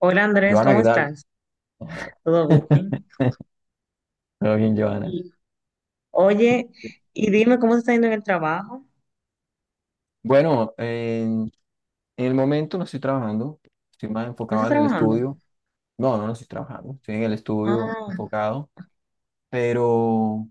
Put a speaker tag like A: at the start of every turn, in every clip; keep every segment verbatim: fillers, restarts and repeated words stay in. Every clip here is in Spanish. A: Hola Andrés,
B: Joana,
A: ¿cómo
B: ¿qué tal?
A: estás? ¿Todo bien?
B: Todo bien, Joana.
A: Y, oye, y dime cómo te está yendo en el trabajo.
B: Bueno, en, en el momento no estoy trabajando, estoy más
A: ¿No
B: enfocado
A: estás
B: en el
A: trabajando?
B: estudio. No, no, no estoy trabajando, estoy en el estudio
A: Ah,
B: enfocado, pero,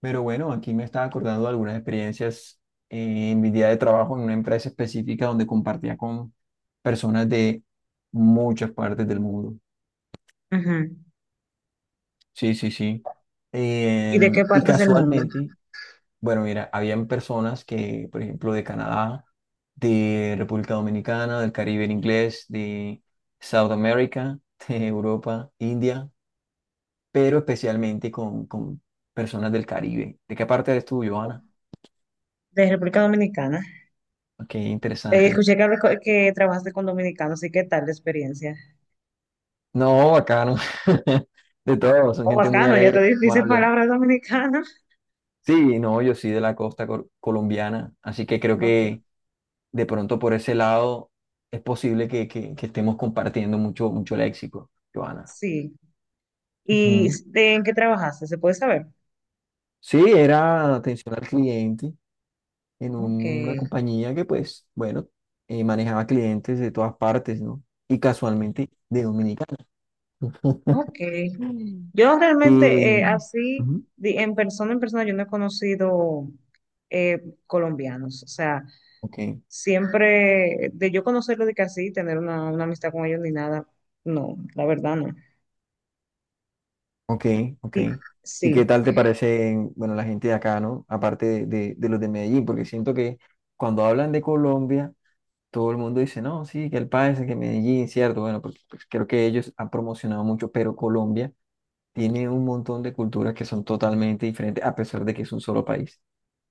B: pero bueno, aquí me estaba acordando de algunas experiencias eh, en mi día de trabajo en una empresa específica donde compartía con personas de muchas partes del mundo.
A: ujú.
B: Sí, sí, sí.
A: ¿Y de
B: Em,
A: qué
B: y
A: parte es el mundo?
B: casualmente, bueno, mira, habían personas que, por ejemplo, de Canadá, de República Dominicana, del Caribe en inglés, de South America, de Europa, India, pero especialmente con, con personas del Caribe. ¿De qué parte eres tú, Johanna?
A: De República Dominicana.
B: Qué
A: Eh,
B: interesante.
A: escuché que, hablas co- que trabajaste con dominicanos, ¿y qué tal la experiencia?
B: No, bacano. De todo, son
A: Oh,
B: gente muy
A: bacano, ya
B: alegre,
A: te
B: muy
A: dices
B: amable.
A: palabras dominicanas.
B: Sí, no, yo sí de la costa col- colombiana, así que creo
A: Ok,
B: que de pronto por ese lado es posible que, que- que estemos compartiendo mucho, mucho léxico, Joana.
A: sí. ¿Y
B: Ujú.
A: de- en qué trabajaste? ¿Se puede saber?
B: Sí, era atención al cliente en
A: Ok,
B: una compañía que pues, bueno, eh, manejaba clientes de todas partes, ¿no? Y casualmente de Dominicana.
A: ok.
B: Mm.
A: Yo
B: Y,
A: realmente eh, así,
B: ujú,
A: di- en persona, en persona, yo no he conocido eh, colombianos. O sea,
B: ok.
A: siempre de yo conocerlo de que así, tener una, una amistad con ellos ni nada, no, la verdad no.
B: Ok, ok.
A: Y
B: ¿Y qué
A: sí,
B: tal te parece, bueno, la gente de acá, ¿no? Aparte de, de- de los de Medellín, porque siento que cuando hablan de Colombia, todo el mundo dice, no, sí, que el país, que Medellín, cierto, bueno, porque pues, creo que ellos han promocionado mucho, pero Colombia tiene un montón de culturas que son totalmente diferentes, a pesar de que es un solo país.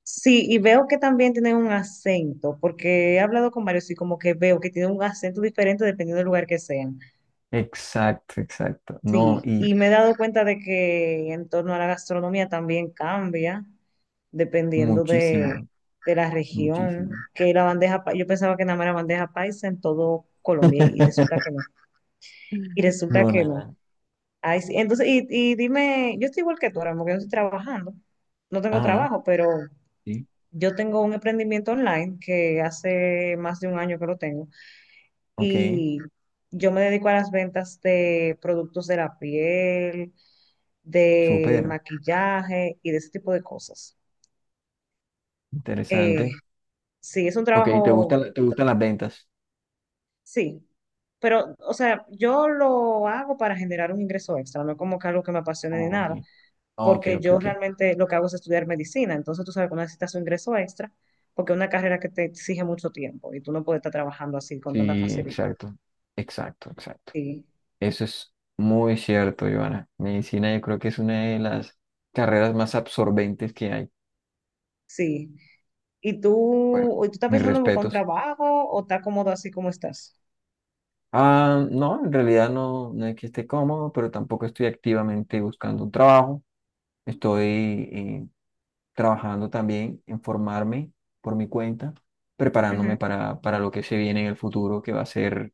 A: sí, y veo que también tienen un acento, porque he hablado con varios y como que veo que tienen un acento diferente dependiendo del lugar que sean.
B: Exacto, exacto. No,
A: Sí,
B: y
A: y me he dado cuenta de que en torno a la gastronomía también cambia dependiendo de,
B: muchísimo,
A: de la región,
B: muchísimo.
A: que la bandeja, pa- yo pensaba que nada más era bandeja paisa en todo Colombia y resulta que no, y resulta
B: No,
A: que no.
B: nada.
A: Ay, sí, Entonces, y, y dime, yo estoy igual que tú ahora, porque yo estoy trabajando, no tengo
B: Ajá,
A: trabajo, pero
B: sí.
A: yo tengo un emprendimiento online que hace más de un año que lo tengo
B: Ok,
A: y yo me dedico a las ventas de productos de la piel de
B: súper
A: maquillaje y de ese tipo de cosas. Eh,
B: interesante.
A: sí, es un
B: Ok, ¿te
A: trabajo,
B: gustan, te gustan las ventas?
A: sí, pero, o sea, yo lo hago para generar un ingreso extra, no es como que algo que me apasione ni
B: Ok,
A: nada,
B: ok,
A: porque
B: ok,
A: yo
B: ok.
A: realmente lo que hago es estudiar medicina, entonces tú sabes que uno necesita su ingreso extra, porque es una carrera que te exige mucho tiempo y tú no puedes estar trabajando así con tanta
B: Sí,
A: facilidad.
B: exacto, exacto, exacto.
A: Sí,
B: Eso es muy cierto, Ivana. Medicina yo creo que es una de las carreras más absorbentes que hay.
A: sí. ¿Y
B: Bueno,
A: tú, y tú estás
B: mis
A: pensando en buscar un
B: respetos.
A: trabajo o estás cómodo así como estás?
B: Ah, no, en realidad no, no es que esté cómodo, pero tampoco estoy activamente buscando un trabajo. Estoy eh, trabajando también en formarme por mi cuenta,
A: Ujú.
B: preparándome para, para lo que se viene en el futuro, que va a ser.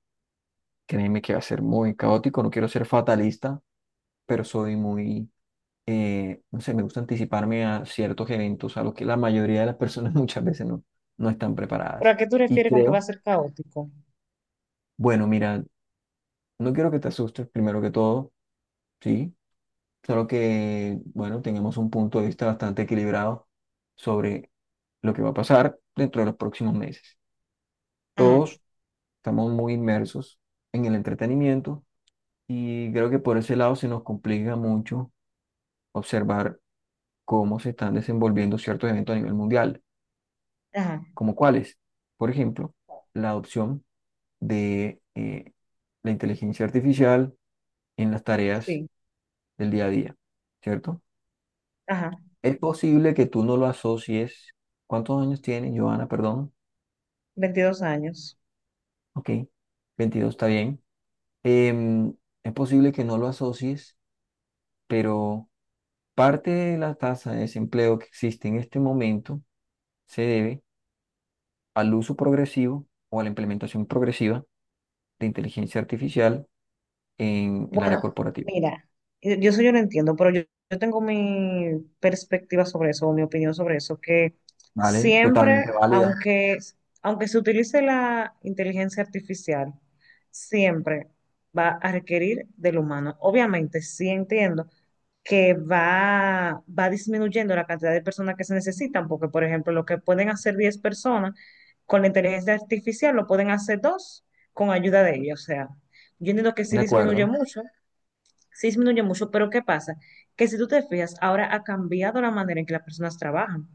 B: Créeme que va a ser muy caótico, no quiero ser fatalista, pero soy muy, eh, no sé, me gusta anticiparme a ciertos eventos a los que la mayoría de las personas muchas veces no, no están
A: ¿Pero a
B: preparadas.
A: qué tú
B: Y
A: refieres con que va
B: creo,
A: a ser caótico?
B: bueno, mira, no quiero que te asustes primero que todo, ¿sí? Claro que, bueno, tengamos un punto de vista bastante equilibrado sobre lo que va a pasar dentro de los próximos meses.
A: Ajá.
B: Todos estamos muy inmersos en el entretenimiento. Y creo que por ese lado se nos complica mucho observar cómo se están desenvolviendo ciertos eventos a nivel mundial,
A: Ajá,
B: como cuáles. Por ejemplo, la adopción de eh, la inteligencia artificial en las tareas
A: sí,
B: del día a día, ¿cierto?
A: ajá,
B: Es posible que tú no lo asocies. ¿Cuántos años tiene Joana? Perdón.
A: veintidós años.
B: Ok, veintidós está bien. Em, es posible que no lo asocies, pero parte de la tasa de desempleo que existe en este momento se debe al uso progresivo o a la implementación progresiva de inteligencia artificial en el área
A: Bueno,
B: corporativa.
A: mira, yo, yo eso yo lo entiendo, pero yo, yo tengo mi perspectiva sobre eso, o mi opinión sobre eso, que
B: ¿Vale?
A: siempre,
B: Totalmente válida.
A: aunque, aunque se utilice la inteligencia artificial, siempre va a requerir del humano. Obviamente, sí entiendo que va, va disminuyendo la cantidad de personas que se necesitan, porque, por ejemplo, lo que pueden hacer diez personas con la inteligencia artificial lo pueden hacer dos con ayuda de ella. O sea, yo entiendo que sí
B: De
A: disminuye
B: acuerdo,
A: mucho, sí disminuye mucho, pero ¿qué pasa? Que si tú te fijas, ahora ha cambiado la manera en que las personas trabajan.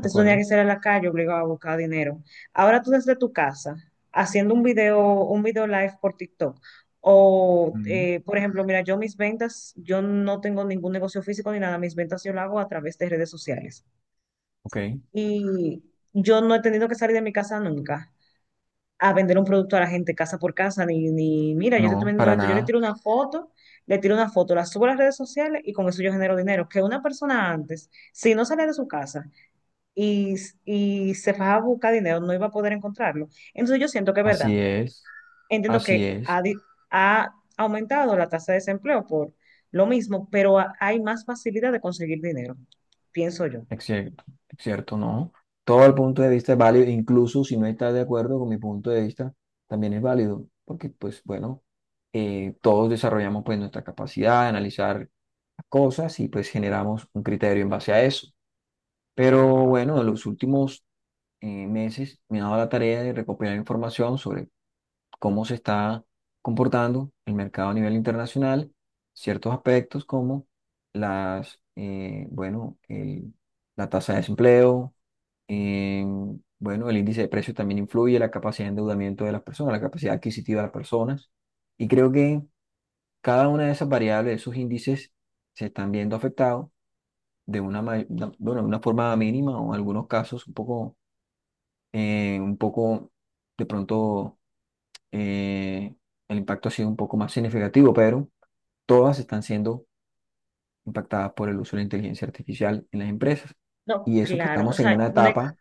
B: de
A: tenía que
B: acuerdo.
A: salir a la calle obligado a buscar dinero. Ahora tú desde tu casa, haciendo un video, un video live por TikTok. O,
B: Mm,
A: eh, por ejemplo, mira, yo mis ventas, yo no tengo ningún negocio físico ni nada, mis ventas yo lo hago a través de redes sociales.
B: ok.
A: Y yo no he tenido que salir de mi casa nunca a vender un producto a la gente casa por casa, ni, ni mira, yo te estoy
B: No,
A: vendiendo
B: para
A: esto, yo le
B: nada.
A: tiro una foto, le tiro una foto, la subo a las redes sociales y con eso yo genero dinero. Que una persona antes, si no salía de su casa y, y se fajaba a buscar dinero, no iba a poder encontrarlo. Entonces yo siento que es verdad,
B: Así es,
A: entiendo
B: así
A: que
B: es.
A: ha, di- ha aumentado la tasa de desempleo por lo mismo, pero ha- hay más facilidad de conseguir dinero, pienso yo.
B: Es cierto, es cierto, no. Todo el punto de vista es válido, incluso si no estás de acuerdo con mi punto de vista, también es válido, porque pues bueno, eh, todos desarrollamos pues nuestra capacidad de analizar las cosas y pues generamos un criterio en base a eso. Pero bueno, en los últimos eh, meses me ha dado la tarea de recopilar información sobre cómo se está comportando el mercado a nivel internacional, ciertos aspectos como las, eh, bueno, el- la tasa de desempleo, eh, bueno, el índice de precios también influye, la capacidad de endeudamiento de las personas, la capacidad adquisitiva de las personas. Y creo que cada una de esas variables, esos índices, se están viendo afectados de una, ma- de- bueno, de una forma mínima o en algunos casos un poco eh, un poco, de pronto, eh, el impacto ha sido un poco más significativo, pero todas están siendo impactadas por el uso de la inteligencia artificial en las empresas.
A: No,
B: Y eso que
A: claro, o
B: estamos en
A: sea,
B: una
A: no, es-
B: etapa,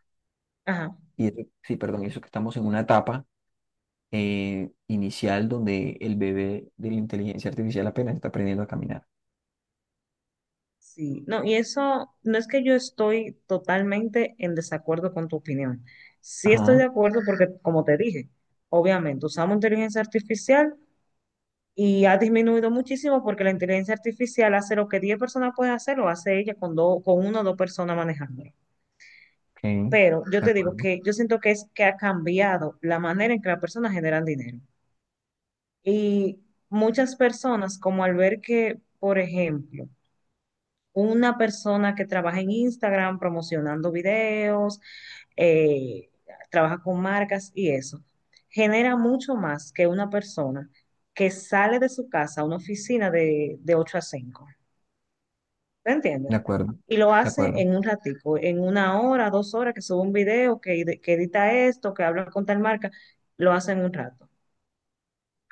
A: ajá.
B: y eso- sí, perdón, y eso que estamos en una etapa eh, inicial donde el bebé de la inteligencia artificial apenas está aprendiendo a caminar.
A: Sí, no, y eso no es que yo estoy totalmente en desacuerdo con tu opinión. Sí estoy de
B: Ajá,
A: acuerdo porque, como te dije, obviamente usamos inteligencia artificial y ha disminuido muchísimo porque la inteligencia artificial hace lo que diez personas pueden hacer, lo hace ella con, dos, con una o dos personas manejándolo.
B: ok,
A: Pero yo
B: de
A: te digo
B: acuerdo,
A: que yo siento que es que ha cambiado la manera en que las personas generan dinero. Y muchas personas, como al ver que, por ejemplo, una persona que trabaja en Instagram promocionando videos, eh, trabaja con marcas y eso, genera mucho más que una persona que sale de su casa a una oficina de, de, ocho a cinco. ¿Te
B: de
A: entiendes?
B: acuerdo,
A: Y lo
B: de
A: hace
B: acuerdo.
A: en un ratico, en una hora, dos horas, que sube un video, que, ed- que edita esto, que habla con tal marca, lo hace en un rato.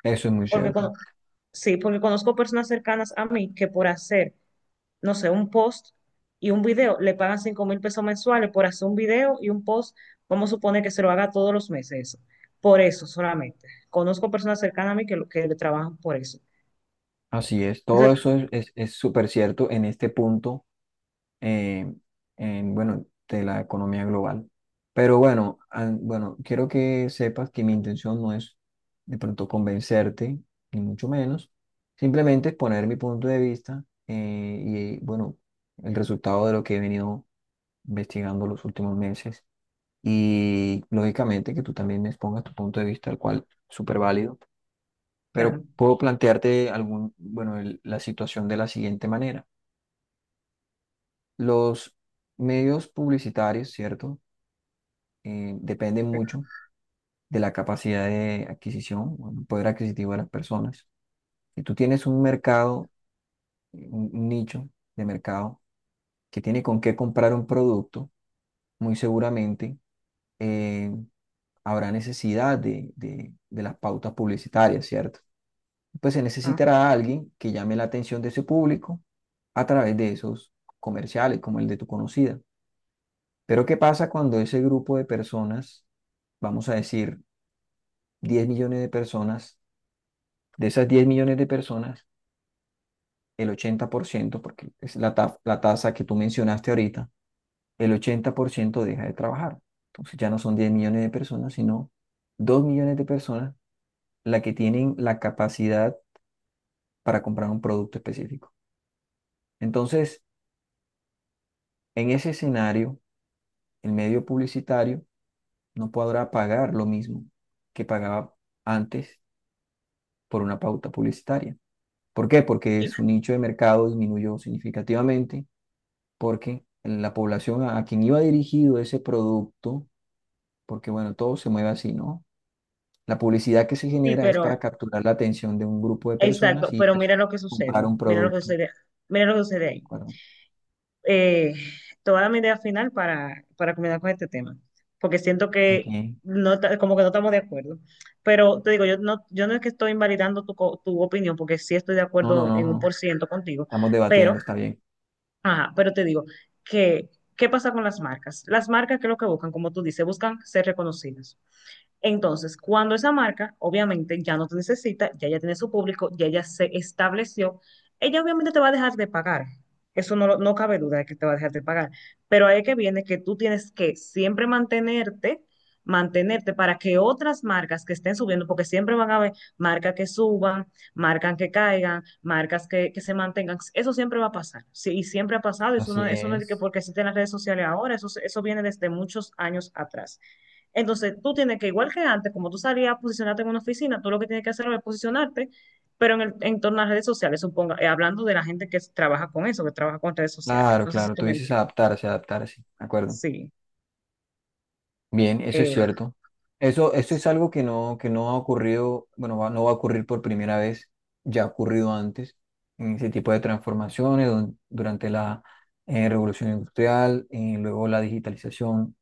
B: Eso es muy
A: Porque
B: cierto.
A: cono- sí, porque conozco personas cercanas a mí que por hacer no sé, un post y un video, le pagan cinco mil pesos mensuales por hacer un video y un post, vamos a suponer que se lo haga todos los meses. eso. Por eso solamente. Conozco personas cercanas a mí que, lo- que le trabajan por eso.
B: Así es,
A: Eso,
B: todo eso es, es, es súper cierto en este punto eh, en, bueno, de la economía global. Pero bueno, an- bueno, quiero que sepas que mi intención no es de pronto convencerte, ni mucho menos, simplemente exponer mi punto de vista eh, y bueno, el resultado de lo que he venido investigando los últimos meses. Y lógicamente que tú también me expongas tu punto de vista, el cual es súper válido. Pero
A: claro.
B: puedo plantearte algún, bueno, el- la situación de la siguiente manera. Los medios publicitarios, ¿cierto? Eh, depende mucho de la capacidad de adquisición, o el poder adquisitivo de las personas. Si tú tienes un mercado, un un nicho de mercado que tiene con qué comprar un producto, muy seguramente eh, habrá necesidad de, de- de las pautas publicitarias, ¿cierto? Pues se
A: Ah,
B: necesitará alguien que llame la atención de ese público a través de esos comerciales, como el de tu conocida. Pero ¿qué pasa cuando ese grupo de personas, vamos a decir diez millones de personas? De esas diez millones de personas, el ochenta por ciento, porque es la, ta- la tasa que tú mencionaste ahorita, el ochenta por ciento deja de trabajar. Entonces ya no son diez millones de personas, sino dos millones de personas las que tienen la capacidad para comprar un producto específico. Entonces, en ese escenario, el medio publicitario no podrá pagar lo mismo que pagaba antes por una pauta publicitaria. ¿Por qué? Porque
A: sí,
B: su nicho de mercado disminuyó significativamente porque la población a, a quien iba dirigido ese producto, porque bueno, todo se mueve así, ¿no? La publicidad que se
A: sí,
B: genera es para
A: pero,
B: capturar la atención de un grupo de personas
A: exacto,
B: y
A: pero
B: pues
A: mira lo que
B: comprar
A: sucede,
B: un
A: mira lo que
B: producto, ¿de
A: sucede, mira lo que sucede ahí.
B: acuerdo?
A: eh, toda mi idea final para, para combinar con este tema, porque siento que
B: Ok.
A: no, ta- como que no estamos de acuerdo. Pero te digo, yo no, yo no es que estoy invalidando tu, co- tu opinión, porque sí estoy de
B: No, no,
A: acuerdo
B: no,
A: en un
B: no.
A: por ciento contigo,
B: Estamos
A: pero,
B: debatiendo, está bien.
A: ajá, pero te digo que, ¿qué pasa con las marcas? Las marcas, ¿qué es lo que buscan? Como tú dices, buscan ser reconocidas. Entonces, cuando esa marca, obviamente, ya no te necesita, ya ya tiene su público, ya ya se estableció, ella obviamente te va a dejar de pagar. Eso no, lo- no cabe duda de que te va a dejar de pagar. Pero ahí es que viene que tú tienes que siempre mantenerte, mantenerte para que otras marcas que estén subiendo, porque siempre van a haber marcas que suban, marcas que caigan, marcas que, que se mantengan. Eso siempre va a pasar. Sí, y siempre ha pasado. Eso
B: Así
A: no, eso no es de que
B: es.
A: porque existen las redes sociales ahora, eso, eso viene desde muchos años atrás. Entonces, tú tienes que, igual que antes, como tú salías a posicionarte en una oficina, tú lo que tienes que hacer es posicionarte, pero en el en torno a las redes sociales, suponga, eh, hablando de la gente que s- trabaja con eso, que trabaja con redes sociales.
B: Claro,
A: No sé si
B: claro,
A: tú
B: tú
A: me
B: dices
A: entiendes.
B: adaptarse, adaptarse, ¿de acuerdo?
A: Sí,
B: Bien, eso es
A: eh,
B: cierto. Eso, eso es algo que no, que no ha ocurrido, bueno, va- no va a ocurrir por primera vez, ya ha ocurrido antes, en ese tipo de transformaciones don- durante la eh, revolución industrial, eh, luego la digitalización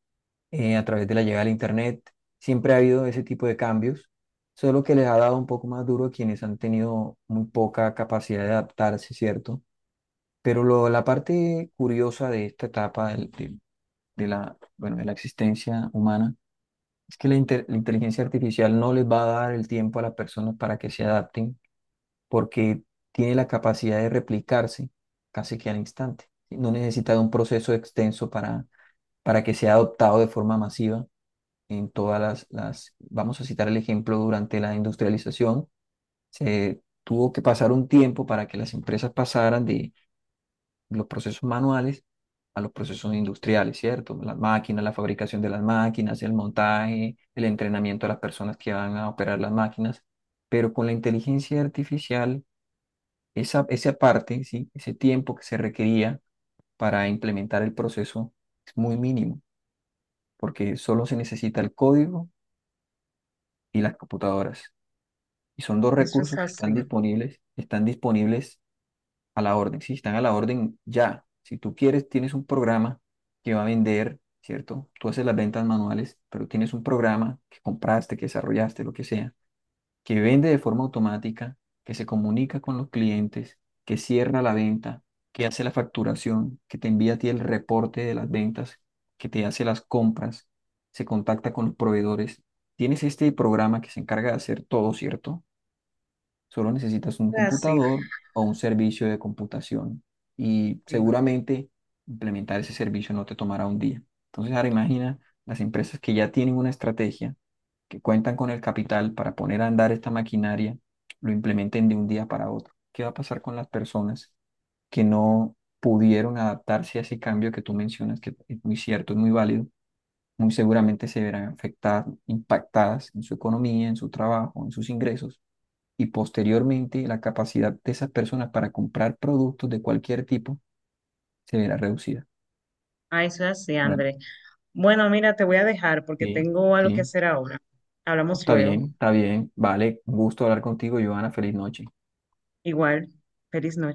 B: eh, a través de la llegada del Internet, siempre ha habido ese tipo de cambios, solo que les ha dado un poco más duro a quienes han tenido muy poca capacidad de adaptarse, ¿cierto? Pero lo, la parte curiosa de esta etapa del- del- de la, bueno, de la existencia humana, es que la, inte- la inteligencia artificial no les va a dar el tiempo a las personas para que se adapten porque tiene la capacidad de replicarse casi que al instante. No necesita de un proceso extenso para, para que sea adoptado de forma masiva en todas las, las... Vamos a citar el ejemplo durante la industrialización. Se tuvo que pasar un tiempo para que las empresas pasaran los procesos manuales a los procesos industriales, ¿cierto? Las máquinas, la fabricación de las máquinas, el montaje, el entrenamiento de las personas que van a operar las máquinas, pero con la inteligencia artificial, esa, esa parte, ¿sí? Ese tiempo que se requería para implementar el proceso es muy mínimo, porque solo se necesita el código y las computadoras. Y son dos
A: eso es
B: recursos que están
A: así.
B: disponibles, están disponibles a la orden, sí, están a la orden ya. Si tú quieres, tienes un programa que va a vender, ¿cierto? Tú haces las ventas manuales, pero tienes un programa que compraste, que desarrollaste, lo que sea, que vende de forma automática, que se comunica con los clientes, que cierra la venta, que hace la facturación, que te envía a ti el reporte de las ventas, que te hace las compras, se contacta con los proveedores. Tienes este programa que se encarga de hacer todo, ¿cierto? Solo necesitas un
A: Es así,
B: computador o un servicio de computación y
A: sí.
B: seguramente implementar ese servicio no te tomará un día. Entonces, ahora imagina las empresas que ya tienen una estrategia, que cuentan con el capital para poner a andar esta maquinaria, lo implementen de un día para otro. ¿Qué va a pasar con las personas que no pudieron adaptarse a ese cambio que tú mencionas, que es muy cierto, es muy válido? Muy seguramente se verán afectadas, impactadas en su economía, en su trabajo, en sus ingresos y posteriormente la capacidad de esas personas para comprar productos de cualquier tipo se verá reducida.
A: Ah, eso es así,
B: Bueno,
A: André. Bueno, mira, te voy a dejar porque
B: sí,
A: tengo algo que
B: sí,
A: hacer ahora. Hablamos
B: está
A: luego.
B: bien, está bien. Vale, un gusto hablar contigo, Joana. Feliz noche.
A: Igual, feliz noche.